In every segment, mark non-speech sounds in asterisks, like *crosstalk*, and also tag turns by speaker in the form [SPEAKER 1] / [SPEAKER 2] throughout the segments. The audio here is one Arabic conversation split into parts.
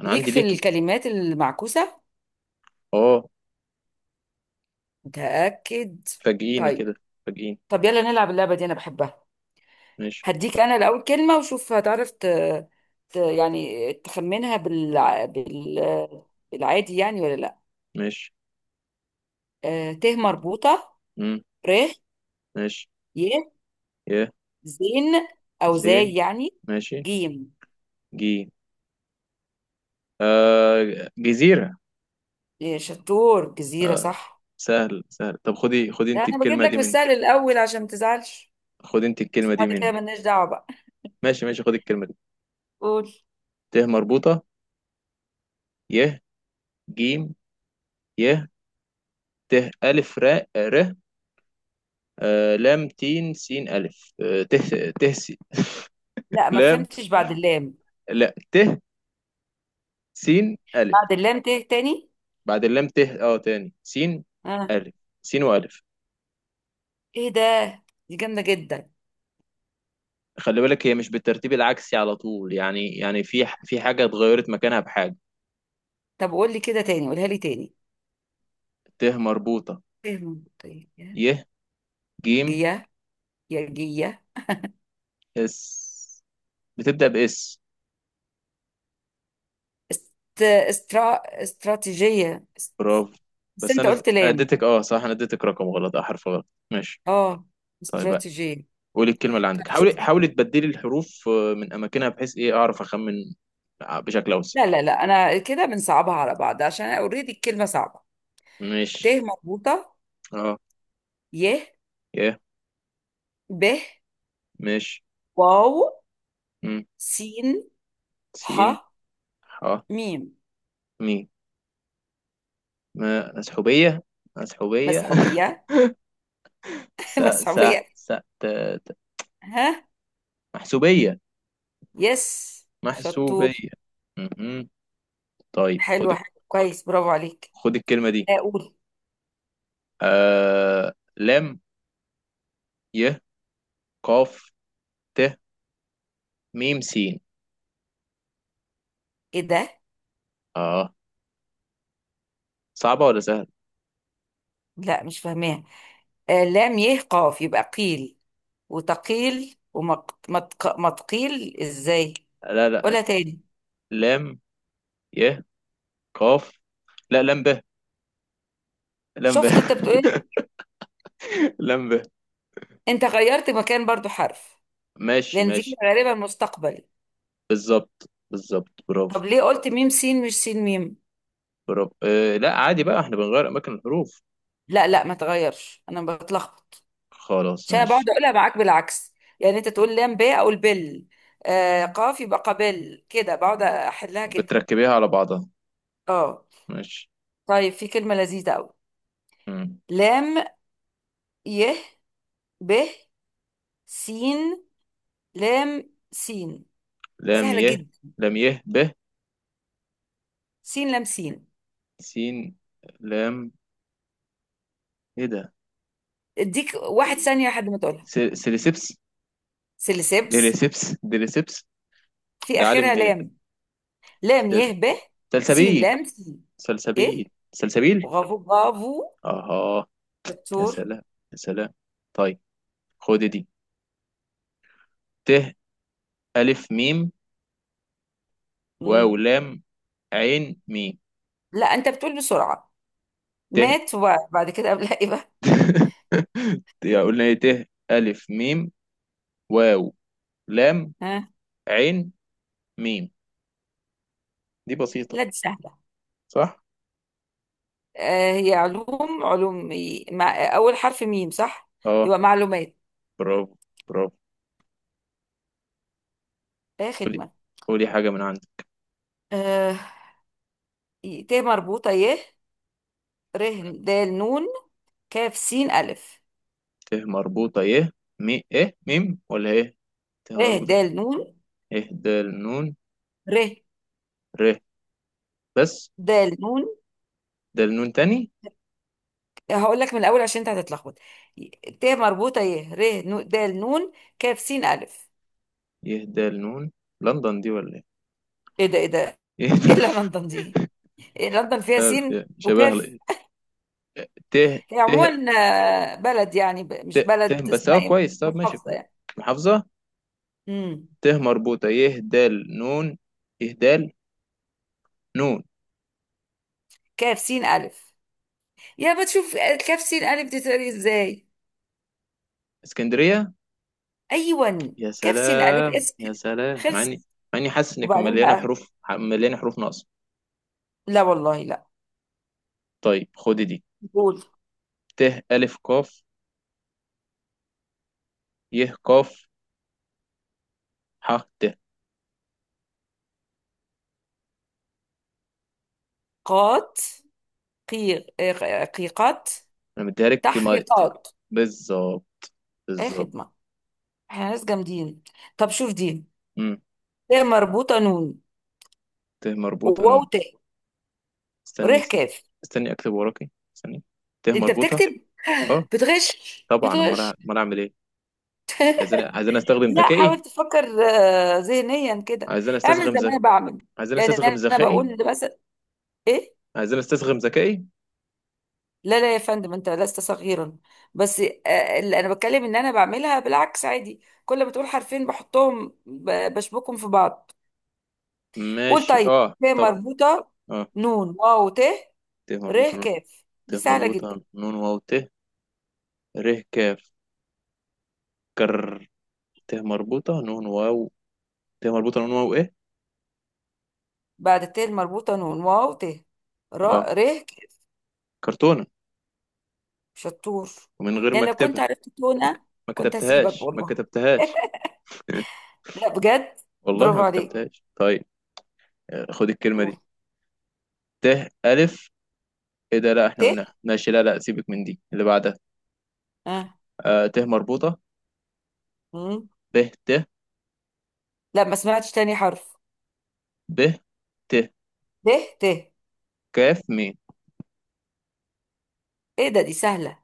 [SPEAKER 1] انا
[SPEAKER 2] ليك
[SPEAKER 1] عندي
[SPEAKER 2] في
[SPEAKER 1] ليكي.
[SPEAKER 2] الكلمات المعكوسة.
[SPEAKER 1] اه.
[SPEAKER 2] متأكد؟
[SPEAKER 1] فاجئيني
[SPEAKER 2] طيب.
[SPEAKER 1] كده. فاجئيني.
[SPEAKER 2] طب يلا نلعب اللعبة دي، أنا بحبها.
[SPEAKER 1] ماشي.
[SPEAKER 2] هديك أنا الأول كلمة وشوف هتعرف يعني تخمنها بال... بالعادي يعني ولا لأ.
[SPEAKER 1] ماشي.
[SPEAKER 2] ت مربوطة،
[SPEAKER 1] امم.
[SPEAKER 2] ر،
[SPEAKER 1] ماشي.
[SPEAKER 2] ي،
[SPEAKER 1] يا.
[SPEAKER 2] زين أو
[SPEAKER 1] زين.
[SPEAKER 2] زي يعني،
[SPEAKER 1] ماشي.
[SPEAKER 2] جيم.
[SPEAKER 1] جي. آه جزيرة.
[SPEAKER 2] إيه، شطور، جزيرة
[SPEAKER 1] آه.
[SPEAKER 2] صح.
[SPEAKER 1] سهل سهل. طب خدي خدي
[SPEAKER 2] لا،
[SPEAKER 1] انت
[SPEAKER 2] أنا بجيب
[SPEAKER 1] الكلمة
[SPEAKER 2] لك
[SPEAKER 1] دي من.
[SPEAKER 2] بالسهل الأول عشان ما تزعلش.
[SPEAKER 1] خدي انت
[SPEAKER 2] بس
[SPEAKER 1] الكلمة دي
[SPEAKER 2] بعد كده
[SPEAKER 1] من.
[SPEAKER 2] ملناش دعوة بقى.
[SPEAKER 1] ماشي ماشي خدي الكلمة دي.
[SPEAKER 2] قول.
[SPEAKER 1] ت مربوطة. ي. جيم. ي. ت. ألف راء ر. آه لام تين سين ألف آه ت. ت س-
[SPEAKER 2] لا ما
[SPEAKER 1] لام.
[SPEAKER 2] فهمتش بعد اللام.
[SPEAKER 1] لا ت. سين ألف.
[SPEAKER 2] بعد اللام ت تاني.
[SPEAKER 1] بعد اللام ت اه تاني سين.
[SPEAKER 2] آه.
[SPEAKER 1] ألف. سين وألف.
[SPEAKER 2] ايه ده؟ دي جامده جدا.
[SPEAKER 1] خلي بالك هي مش بالترتيب العكسي على طول يعني يعني في في حاجة اتغيرت مكانها بحاجة.
[SPEAKER 2] طب قول لي كده تاني، قولها لي تاني.
[SPEAKER 1] ت مربوطة.
[SPEAKER 2] ايه منطقية.
[SPEAKER 1] ي. جيم.
[SPEAKER 2] جية، يا جية.
[SPEAKER 1] اس. بتبدأ بإس.
[SPEAKER 2] استرا... استراتيجية
[SPEAKER 1] برافو.
[SPEAKER 2] بس
[SPEAKER 1] بس
[SPEAKER 2] انت
[SPEAKER 1] أنا.
[SPEAKER 2] قلت
[SPEAKER 1] أنا
[SPEAKER 2] لام.
[SPEAKER 1] اديتك أه صح، أنا اديتك رقم غلط، أه حرف غلط. ماشي.
[SPEAKER 2] اه
[SPEAKER 1] طيب بقى.
[SPEAKER 2] استراتيجية.
[SPEAKER 1] قولي الكلمة اللي
[SPEAKER 2] طب
[SPEAKER 1] عندك، حاولي
[SPEAKER 2] شوف.
[SPEAKER 1] حاولي تبدلي الحروف من أماكنها بحيث إيه أعرف أخمن بشكل أوسع.
[SPEAKER 2] لا لا لا، انا كده بنصعبها على بعض عشان انا اوريدي الكلمة صعبة. ت
[SPEAKER 1] ماشي.
[SPEAKER 2] مربوطة،
[SPEAKER 1] أه.
[SPEAKER 2] ي،
[SPEAKER 1] ي.
[SPEAKER 2] ب،
[SPEAKER 1] ماشي.
[SPEAKER 2] واو،
[SPEAKER 1] م.
[SPEAKER 2] سين، ح،
[SPEAKER 1] سين. ح.
[SPEAKER 2] ميم.
[SPEAKER 1] ميم. مسحوبية. مسحوبية.
[SPEAKER 2] مسحوبية.
[SPEAKER 1] *laughs* س.
[SPEAKER 2] *laughs*
[SPEAKER 1] س.
[SPEAKER 2] مسحوبية.
[SPEAKER 1] س. ت.
[SPEAKER 2] ها.
[SPEAKER 1] محسوبية.
[SPEAKER 2] يس شطور.
[SPEAKER 1] محسوبية. مهم. طيب خد.
[SPEAKER 2] حلو حلو كويس، برافو عليك.
[SPEAKER 1] خد الكلمة دي.
[SPEAKER 2] اقول.
[SPEAKER 1] لام. ي. قاف. ت. ميم سين.
[SPEAKER 2] ايه ده؟
[SPEAKER 1] اه. صعبة ولا سهلة؟
[SPEAKER 2] لا مش فاهماها. آه لام يه قاف يبقى قيل. وتقيل. ومتقيل ازاي.
[SPEAKER 1] لا لا.
[SPEAKER 2] قولها تاني.
[SPEAKER 1] لام ي قاف. لا لام ب. لام ب.
[SPEAKER 2] شفت، انت بتقول.
[SPEAKER 1] *laughs* لام ب.
[SPEAKER 2] انت غيرت مكان برضو حرف.
[SPEAKER 1] ماشي
[SPEAKER 2] لان دي
[SPEAKER 1] ماشي.
[SPEAKER 2] كده غالبا مستقبل.
[SPEAKER 1] بالظبط بالظبط. برافو.
[SPEAKER 2] طب ليه قلت ميم سين مش سين ميم؟
[SPEAKER 1] برافو لا عادي بقى احنا بنغير أماكن الحروف.
[SPEAKER 2] لا لا ما تغيرش، انا بتلخبط.
[SPEAKER 1] خلاص
[SPEAKER 2] عشان أنا
[SPEAKER 1] ماشي.
[SPEAKER 2] بقعد اقولها معاك بالعكس. يعني انت تقول لام ب اقول بل. آه قاف يبقى قبل. كده بقعد احلها كده.
[SPEAKER 1] بتركبيها على بعضها.
[SPEAKER 2] اه.
[SPEAKER 1] ماشي.
[SPEAKER 2] طيب في كلمة لذيذة قوي.
[SPEAKER 1] مم.
[SPEAKER 2] لام، يه، ب، سين، لام، سين.
[SPEAKER 1] لام
[SPEAKER 2] سهلة
[SPEAKER 1] ي.
[SPEAKER 2] جدا.
[SPEAKER 1] لام ي ب.
[SPEAKER 2] سين لام سين.
[SPEAKER 1] سين. لام. ايه ده.
[SPEAKER 2] اديك 1 ثانية لحد ما تقولها.
[SPEAKER 1] سيريسيبس.
[SPEAKER 2] سيليسيبس.
[SPEAKER 1] ديريسيبس. ديريسيبس.
[SPEAKER 2] في
[SPEAKER 1] ده عالم
[SPEAKER 2] آخرها
[SPEAKER 1] ايه؟
[SPEAKER 2] لام. لام
[SPEAKER 1] سل-
[SPEAKER 2] يه ب سين
[SPEAKER 1] سلسبيل.
[SPEAKER 2] لام سين.
[SPEAKER 1] سلسبيل.
[SPEAKER 2] ايه.
[SPEAKER 1] سلسبيل.
[SPEAKER 2] برافو برافو.
[SPEAKER 1] اها. يا
[SPEAKER 2] شطور.
[SPEAKER 1] سلام. يا سلام. طيب. خد دي. ت. الف ميم. واو
[SPEAKER 2] مم.
[SPEAKER 1] لام. عين ميم.
[SPEAKER 2] لا انت بتقول بسرعة.
[SPEAKER 1] ت.
[SPEAKER 2] مات وبعد كده قبلها ايه بقى.
[SPEAKER 1] *laughs* يا قلنا ايه. ت الف ميم. واو. لام.
[SPEAKER 2] ها.
[SPEAKER 1] عين. ميم. دي بسيطة.
[SPEAKER 2] لا دي سهلة.
[SPEAKER 1] صح.
[SPEAKER 2] آه هي علوم علوم، مع اول حرف ميم صح.
[SPEAKER 1] اه.
[SPEAKER 2] يبقى معلومات.
[SPEAKER 1] برافو. برافو.
[SPEAKER 2] ايه
[SPEAKER 1] قولي.
[SPEAKER 2] خدمة.
[SPEAKER 1] قولي حاجة من عندك.
[SPEAKER 2] آه ت مربوطة، يه، ر، د، نون، كاف، سين، ألف.
[SPEAKER 1] ت مربوطة يه. مي ايه ميم ولا ايه. ت
[SPEAKER 2] ر، د،
[SPEAKER 1] مربوطة.
[SPEAKER 2] نون.
[SPEAKER 1] يهدى النون.
[SPEAKER 2] ر.
[SPEAKER 1] ر. بس.
[SPEAKER 2] د، نون.
[SPEAKER 1] ده النون تاني.
[SPEAKER 2] هقول لك من الأول عشان أنت هتتلخبط. ت مربوطة، ي، ر، د، نون، كاف، سين، ألف.
[SPEAKER 1] يهدى النون. لندن دي ولا ايه؟
[SPEAKER 2] إيه ده إيه ده.
[SPEAKER 1] *laughs* يهدى.
[SPEAKER 2] إيه اللي لندن دي؟ إيه لندن
[SPEAKER 1] مش
[SPEAKER 2] فيها
[SPEAKER 1] عارف،
[SPEAKER 2] سين
[SPEAKER 1] يعني شبه
[SPEAKER 2] وكاف.
[SPEAKER 1] ت.
[SPEAKER 2] هي
[SPEAKER 1] ت.
[SPEAKER 2] عموما بلد يعني،
[SPEAKER 1] ت.
[SPEAKER 2] مش
[SPEAKER 1] ت
[SPEAKER 2] بلد،
[SPEAKER 1] بس اه
[SPEAKER 2] اسمها إيه.
[SPEAKER 1] كويس، طب ماشي
[SPEAKER 2] محافظة
[SPEAKER 1] كويس.
[SPEAKER 2] يعني.
[SPEAKER 1] محافظة.
[SPEAKER 2] امم.
[SPEAKER 1] ت مربوطة يهدى النون. يهدى. نون.
[SPEAKER 2] كاف، سين، ألف. يا بتشوف، كاف سين ألف دي تقري إزاي.
[SPEAKER 1] اسكندرية.
[SPEAKER 2] أيوة.
[SPEAKER 1] يا
[SPEAKER 2] كاف سين ألف
[SPEAKER 1] سلام
[SPEAKER 2] اسم.
[SPEAKER 1] يا سلام. مع
[SPEAKER 2] خلص.
[SPEAKER 1] اني. مع اني حاسس ان كنت
[SPEAKER 2] وبعدين
[SPEAKER 1] مليانة
[SPEAKER 2] بقى.
[SPEAKER 1] حروف، مليانة حروف ناقصة.
[SPEAKER 2] لا والله لا.
[SPEAKER 1] طيب خدي دي.
[SPEAKER 2] قول.
[SPEAKER 1] ت. ألف قاف. يه قاف. ح. ت.
[SPEAKER 2] قات. قي... آه، قيقات.
[SPEAKER 1] انا مديها لك ما-
[SPEAKER 2] تحقيقات.
[SPEAKER 1] بالظبط.
[SPEAKER 2] اي
[SPEAKER 1] بالظبط.
[SPEAKER 2] خدمة. احنا ناس جامدين. طب شوف دي. ت مربوطة، نون،
[SPEAKER 1] ت مربوطة
[SPEAKER 2] واو،
[SPEAKER 1] نون.
[SPEAKER 2] تاء، ر،
[SPEAKER 1] استني س-
[SPEAKER 2] كاف.
[SPEAKER 1] استني أكتب وراكي. استني. ت
[SPEAKER 2] انت
[SPEAKER 1] مربوطة.
[SPEAKER 2] بتكتب؟
[SPEAKER 1] أه.
[SPEAKER 2] بتغش
[SPEAKER 1] طبعا،
[SPEAKER 2] بتغش.
[SPEAKER 1] أمال أعمل إيه. عايزين عايزين أستخدم
[SPEAKER 2] لا
[SPEAKER 1] ذكائي.
[SPEAKER 2] حاول تفكر ذهنيا كده.
[SPEAKER 1] عايزين
[SPEAKER 2] اعمل
[SPEAKER 1] أستسغم
[SPEAKER 2] زي ما
[SPEAKER 1] ذكائي.
[SPEAKER 2] انا بعمل.
[SPEAKER 1] عايزين
[SPEAKER 2] يعني
[SPEAKER 1] أستسغم
[SPEAKER 2] انا
[SPEAKER 1] ذكائي.
[SPEAKER 2] بقول مثلا. ايه.
[SPEAKER 1] عايزين أستسغم ذكائي.
[SPEAKER 2] لا لا يا فندم، انت لست صغيرا. بس اللي انا بتكلم ان انا بعملها بالعكس عادي. كل ما تقول حرفين بحطهم بشبكهم في بعض. قول
[SPEAKER 1] ماشي
[SPEAKER 2] طيب.
[SPEAKER 1] أه
[SPEAKER 2] ف
[SPEAKER 1] طب.
[SPEAKER 2] مربوطة،
[SPEAKER 1] أه.
[SPEAKER 2] نون، واو، ت،
[SPEAKER 1] ت مربوطة
[SPEAKER 2] ر،
[SPEAKER 1] نون.
[SPEAKER 2] كاف،
[SPEAKER 1] ت
[SPEAKER 2] دي سهلة
[SPEAKER 1] مربوطة
[SPEAKER 2] جدا.
[SPEAKER 1] نون واو ت. ر. كاف. كر. ت مربوطة نون واو. ت مربوطة نون واو إيه.
[SPEAKER 2] بعد الت المربوطة نون واو ت،
[SPEAKER 1] أه.
[SPEAKER 2] ر، كاف.
[SPEAKER 1] كرتونة.
[SPEAKER 2] شطور.
[SPEAKER 1] ومن غير ما
[SPEAKER 2] يعني لو كنت
[SPEAKER 1] أكتبها.
[SPEAKER 2] عرفت
[SPEAKER 1] ما ك-
[SPEAKER 2] تونة
[SPEAKER 1] ما
[SPEAKER 2] كنت هسيبك
[SPEAKER 1] كتبتهاش. ما
[SPEAKER 2] والله.
[SPEAKER 1] كتبتهاش.
[SPEAKER 2] لا بجد.
[SPEAKER 1] والله
[SPEAKER 2] برافو
[SPEAKER 1] ما
[SPEAKER 2] عليك.
[SPEAKER 1] كتبتهاش. طيب خد الكلمة
[SPEAKER 2] قول.
[SPEAKER 1] دي. ت. ألف. ايه ده، لا احنا
[SPEAKER 2] ت.
[SPEAKER 1] قلناها. ماشي لا لا، سيبك من دي اللي بعدها.
[SPEAKER 2] آه.
[SPEAKER 1] آه ت مربوطة.
[SPEAKER 2] مم.
[SPEAKER 1] ب. ت.
[SPEAKER 2] لا ما سمعتش تاني حرف.
[SPEAKER 1] ب. ت.
[SPEAKER 2] ب. ت.
[SPEAKER 1] كاف ميم.
[SPEAKER 2] ايه ده، دي سهلة.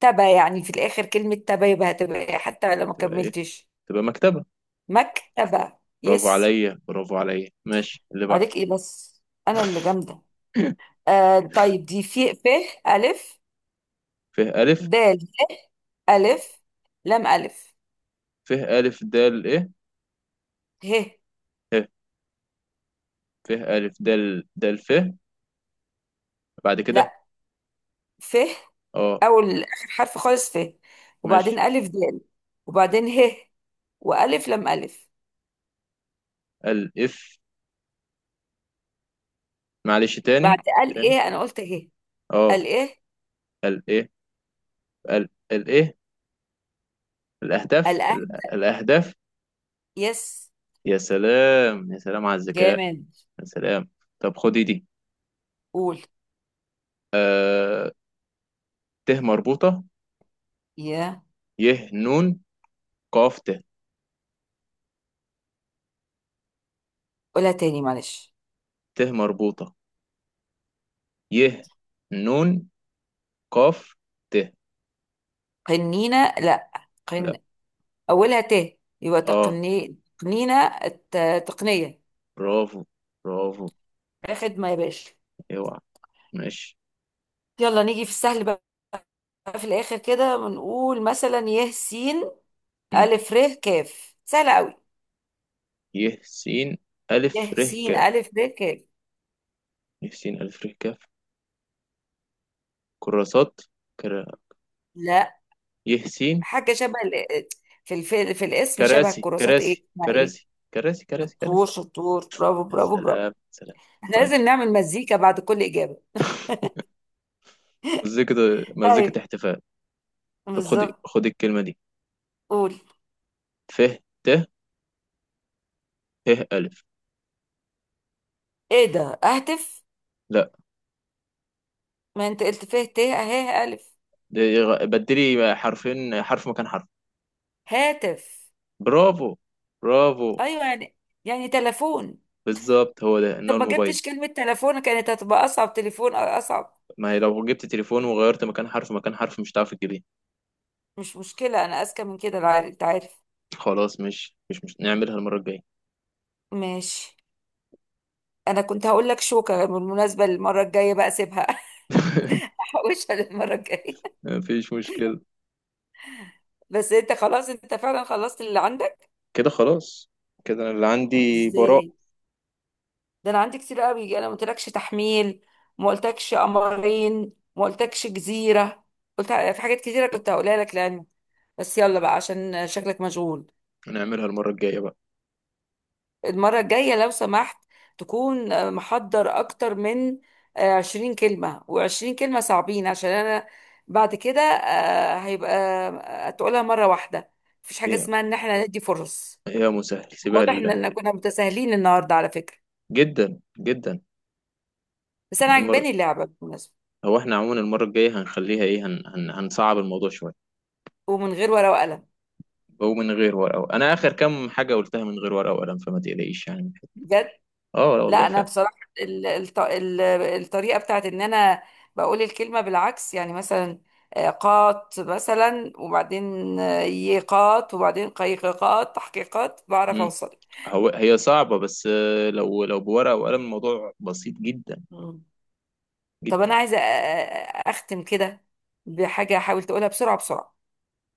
[SPEAKER 2] تبا يعني في الآخر كلمة تبا، يبقى هتبقى إيه حتى لو ما
[SPEAKER 1] تبقى ايه؟
[SPEAKER 2] كملتش.
[SPEAKER 1] تبقى مكتبة.
[SPEAKER 2] مكتبة.
[SPEAKER 1] برافو
[SPEAKER 2] يس.
[SPEAKER 1] عليا. برافو عليا. ماشي اللي بعد.
[SPEAKER 2] عليك ايه بس؟ انا اللي جامدة. آه طيب دي في ف، ألف،
[SPEAKER 1] ف. ألف.
[SPEAKER 2] د، ه، ألف، لام، ألف.
[SPEAKER 1] ف ألف دال ايه.
[SPEAKER 2] ه.
[SPEAKER 1] ه. ف ألف دال دال ف. بعد كده.
[SPEAKER 2] لا، ف
[SPEAKER 1] اه.
[SPEAKER 2] أول آخر حرف خالص ف.
[SPEAKER 1] ماشي.
[SPEAKER 2] وبعدين ألف د. وبعدين ه. وألف لام ألف.
[SPEAKER 1] الإف. معلش تاني.
[SPEAKER 2] بعد قال
[SPEAKER 1] تاني.
[SPEAKER 2] إيه؟ أنا قلت ه.
[SPEAKER 1] اه.
[SPEAKER 2] قال إيه.
[SPEAKER 1] ال ايه. ال ال ايه.
[SPEAKER 2] الأهد.
[SPEAKER 1] الأهداف.
[SPEAKER 2] يس.
[SPEAKER 1] يا سلام. يا سلام على الذكاء.
[SPEAKER 2] جامد.
[SPEAKER 1] يا سلام. طب خدي دي.
[SPEAKER 2] قول.
[SPEAKER 1] ت مربوطة.
[SPEAKER 2] يا.
[SPEAKER 1] ي نون. قاف ت.
[SPEAKER 2] قولها تاني معلش.
[SPEAKER 1] ت مربوطة. ي. نون. قاف. ت.
[SPEAKER 2] قنينة لا.
[SPEAKER 1] لا.
[SPEAKER 2] قن. أولها ت يبقى
[SPEAKER 1] اه.
[SPEAKER 2] تقني تقنينة تقنية.
[SPEAKER 1] برافو. برافو.
[SPEAKER 2] يا خدمة يا باشا.
[SPEAKER 1] اوعى. ماشي.
[SPEAKER 2] يلا نيجي في السهل بقى. في الاخر كده بنقول مثلا يه سين
[SPEAKER 1] مم.
[SPEAKER 2] الف ر كاف، سهله قوي.
[SPEAKER 1] ي. س. ألف
[SPEAKER 2] يه
[SPEAKER 1] ر. ك.
[SPEAKER 2] سين الف ر كاف.
[SPEAKER 1] ي س ألف ر ك. كراسات. كرا.
[SPEAKER 2] لا.
[SPEAKER 1] ي س.
[SPEAKER 2] حاجه شبه في الف... في الاسم شبه
[SPEAKER 1] كراسي
[SPEAKER 2] الكراسات، ايه
[SPEAKER 1] كراسي
[SPEAKER 2] اسمها ايه.
[SPEAKER 1] كراسي. كراسي كراسي كراسي.
[SPEAKER 2] شطور شطور. برافو
[SPEAKER 1] يا
[SPEAKER 2] برافو برافو.
[SPEAKER 1] سلام سلام.
[SPEAKER 2] احنا
[SPEAKER 1] طيب.
[SPEAKER 2] لازم نعمل مزيكا بعد كل اجابه.
[SPEAKER 1] مزيكة. مزيكة
[SPEAKER 2] طيب.
[SPEAKER 1] احتفال. طب خد
[SPEAKER 2] بالظبط.
[SPEAKER 1] خد الكلمة دي.
[SPEAKER 2] قول.
[SPEAKER 1] ف. ت. ه ألف.
[SPEAKER 2] ايه ده؟ اهتف.
[SPEAKER 1] لا،
[SPEAKER 2] ما انت قلت فيه ت اهي الف.
[SPEAKER 1] بدلي حرفين، حرف مكان حرف.
[SPEAKER 2] هاتف.
[SPEAKER 1] برافو. برافو.
[SPEAKER 2] ايوه يعني. يعني تلفون.
[SPEAKER 1] بالظبط هو ده، انه
[SPEAKER 2] طب ما
[SPEAKER 1] الموبايل.
[SPEAKER 2] جبتش كلمه تلفون كانت هتبقى اصعب، تليفون اصعب.
[SPEAKER 1] ما هي لو جبت تليفون وغيرت مكان حرف مكان حرف مش هتعرف تجيبيه.
[SPEAKER 2] مش مشكلة، أنا أذكى من كده. أنت عارف.
[SPEAKER 1] خلاص، مش نعملها المرة الجاية.
[SPEAKER 2] ماشي. أنا كنت هقول لك شوكة بالمناسبة، المرة الجاية بقى سيبها.
[SPEAKER 1] *laughs*
[SPEAKER 2] *laughs* أحوشها للمرة الجاية.
[SPEAKER 1] مفيش مشكلة.
[SPEAKER 2] بس أنت خلاص، أنت فعلا خلصت اللي عندك.
[SPEAKER 1] كده خلاص. كده انا اللي عندي براء.
[SPEAKER 2] إزاي؟ ده أنا عندي كتير قوي. أنا ما قلتلكش تحميل. ما قلتلكش قمرين، ما قلتلكش جزيرة. قلت في حاجات كتيرة كنت هقولها لك لعلمك. بس يلا بقى عشان شكلك مشغول.
[SPEAKER 1] نعملها المرة الجاية بقى.
[SPEAKER 2] المرة الجاية لو سمحت تكون محضر أكتر من 20 كلمة و20 كلمة صعبين عشان أنا. بعد كده هيبقى تقولها مرة واحدة. مفيش حاجة
[SPEAKER 1] يا.
[SPEAKER 2] اسمها إن احنا ندي فرص.
[SPEAKER 1] يا مسهل سيبها
[SPEAKER 2] واضح
[SPEAKER 1] لله.
[SPEAKER 2] إننا كنا متساهلين النهاردة على فكرة.
[SPEAKER 1] جدا جدا.
[SPEAKER 2] بس أنا
[SPEAKER 1] المرة.
[SPEAKER 2] عجباني اللعبة بالمناسبة.
[SPEAKER 1] هو احنا عموما المرة الجاية هنخليها ايه، هنصعب الموضوع شوية.
[SPEAKER 2] ومن غير ورقة وقلم.
[SPEAKER 1] ومن غير ورقة. انا اخر كام حاجة قلتها من غير ورقة وقلم، فما تقلقيش يعني.
[SPEAKER 2] بجد.
[SPEAKER 1] اه لا والله
[SPEAKER 2] لا انا
[SPEAKER 1] فعلا.
[SPEAKER 2] بصراحه، ال- الط- ال- الطريقه بتاعت ان انا بقول الكلمه بالعكس. يعني مثلا قات مثلا، وبعدين يقات، وبعدين قيققات، تحقيقات. بعرف
[SPEAKER 1] مم.
[SPEAKER 2] اوصل.
[SPEAKER 1] هو هي صعبة بس، لو لو بورقة وقلم الموضوع بسيط جدا.
[SPEAKER 2] مم. طب
[SPEAKER 1] جدا.
[SPEAKER 2] انا عايزه اختم كده بحاجه، حاول تقولها بسرعه بسرعه.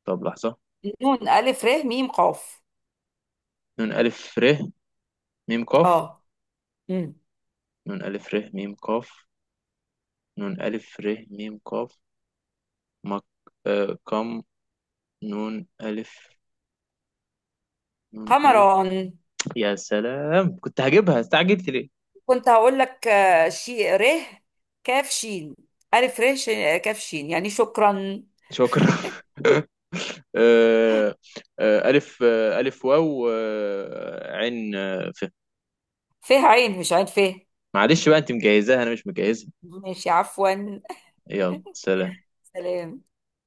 [SPEAKER 1] طب لحظة.
[SPEAKER 2] نون الف ر م قاف.
[SPEAKER 1] نون ألف ر ميم قاف.
[SPEAKER 2] اه. مم.
[SPEAKER 1] نون ألف ر ميم قاف. نون ألف ر ميم قاف. مك. آه كم. نون ألف. نون ألف.
[SPEAKER 2] قمران.
[SPEAKER 1] يا سلام. كنت هجيبها، استعجلت ليه؟
[SPEAKER 2] كنت هقول لك شي ر كاف شين الف كاف شين يعني شكرا.
[SPEAKER 1] شكرا. *laughs* آه، ألف ألف واو عين ف.
[SPEAKER 2] فيه عين، مش عين فيه.
[SPEAKER 1] معلش بقى، أنت مجهزاها أنا مش مجهزها.
[SPEAKER 2] ماشي عفوا.
[SPEAKER 1] يلا سلام.
[SPEAKER 2] سلام.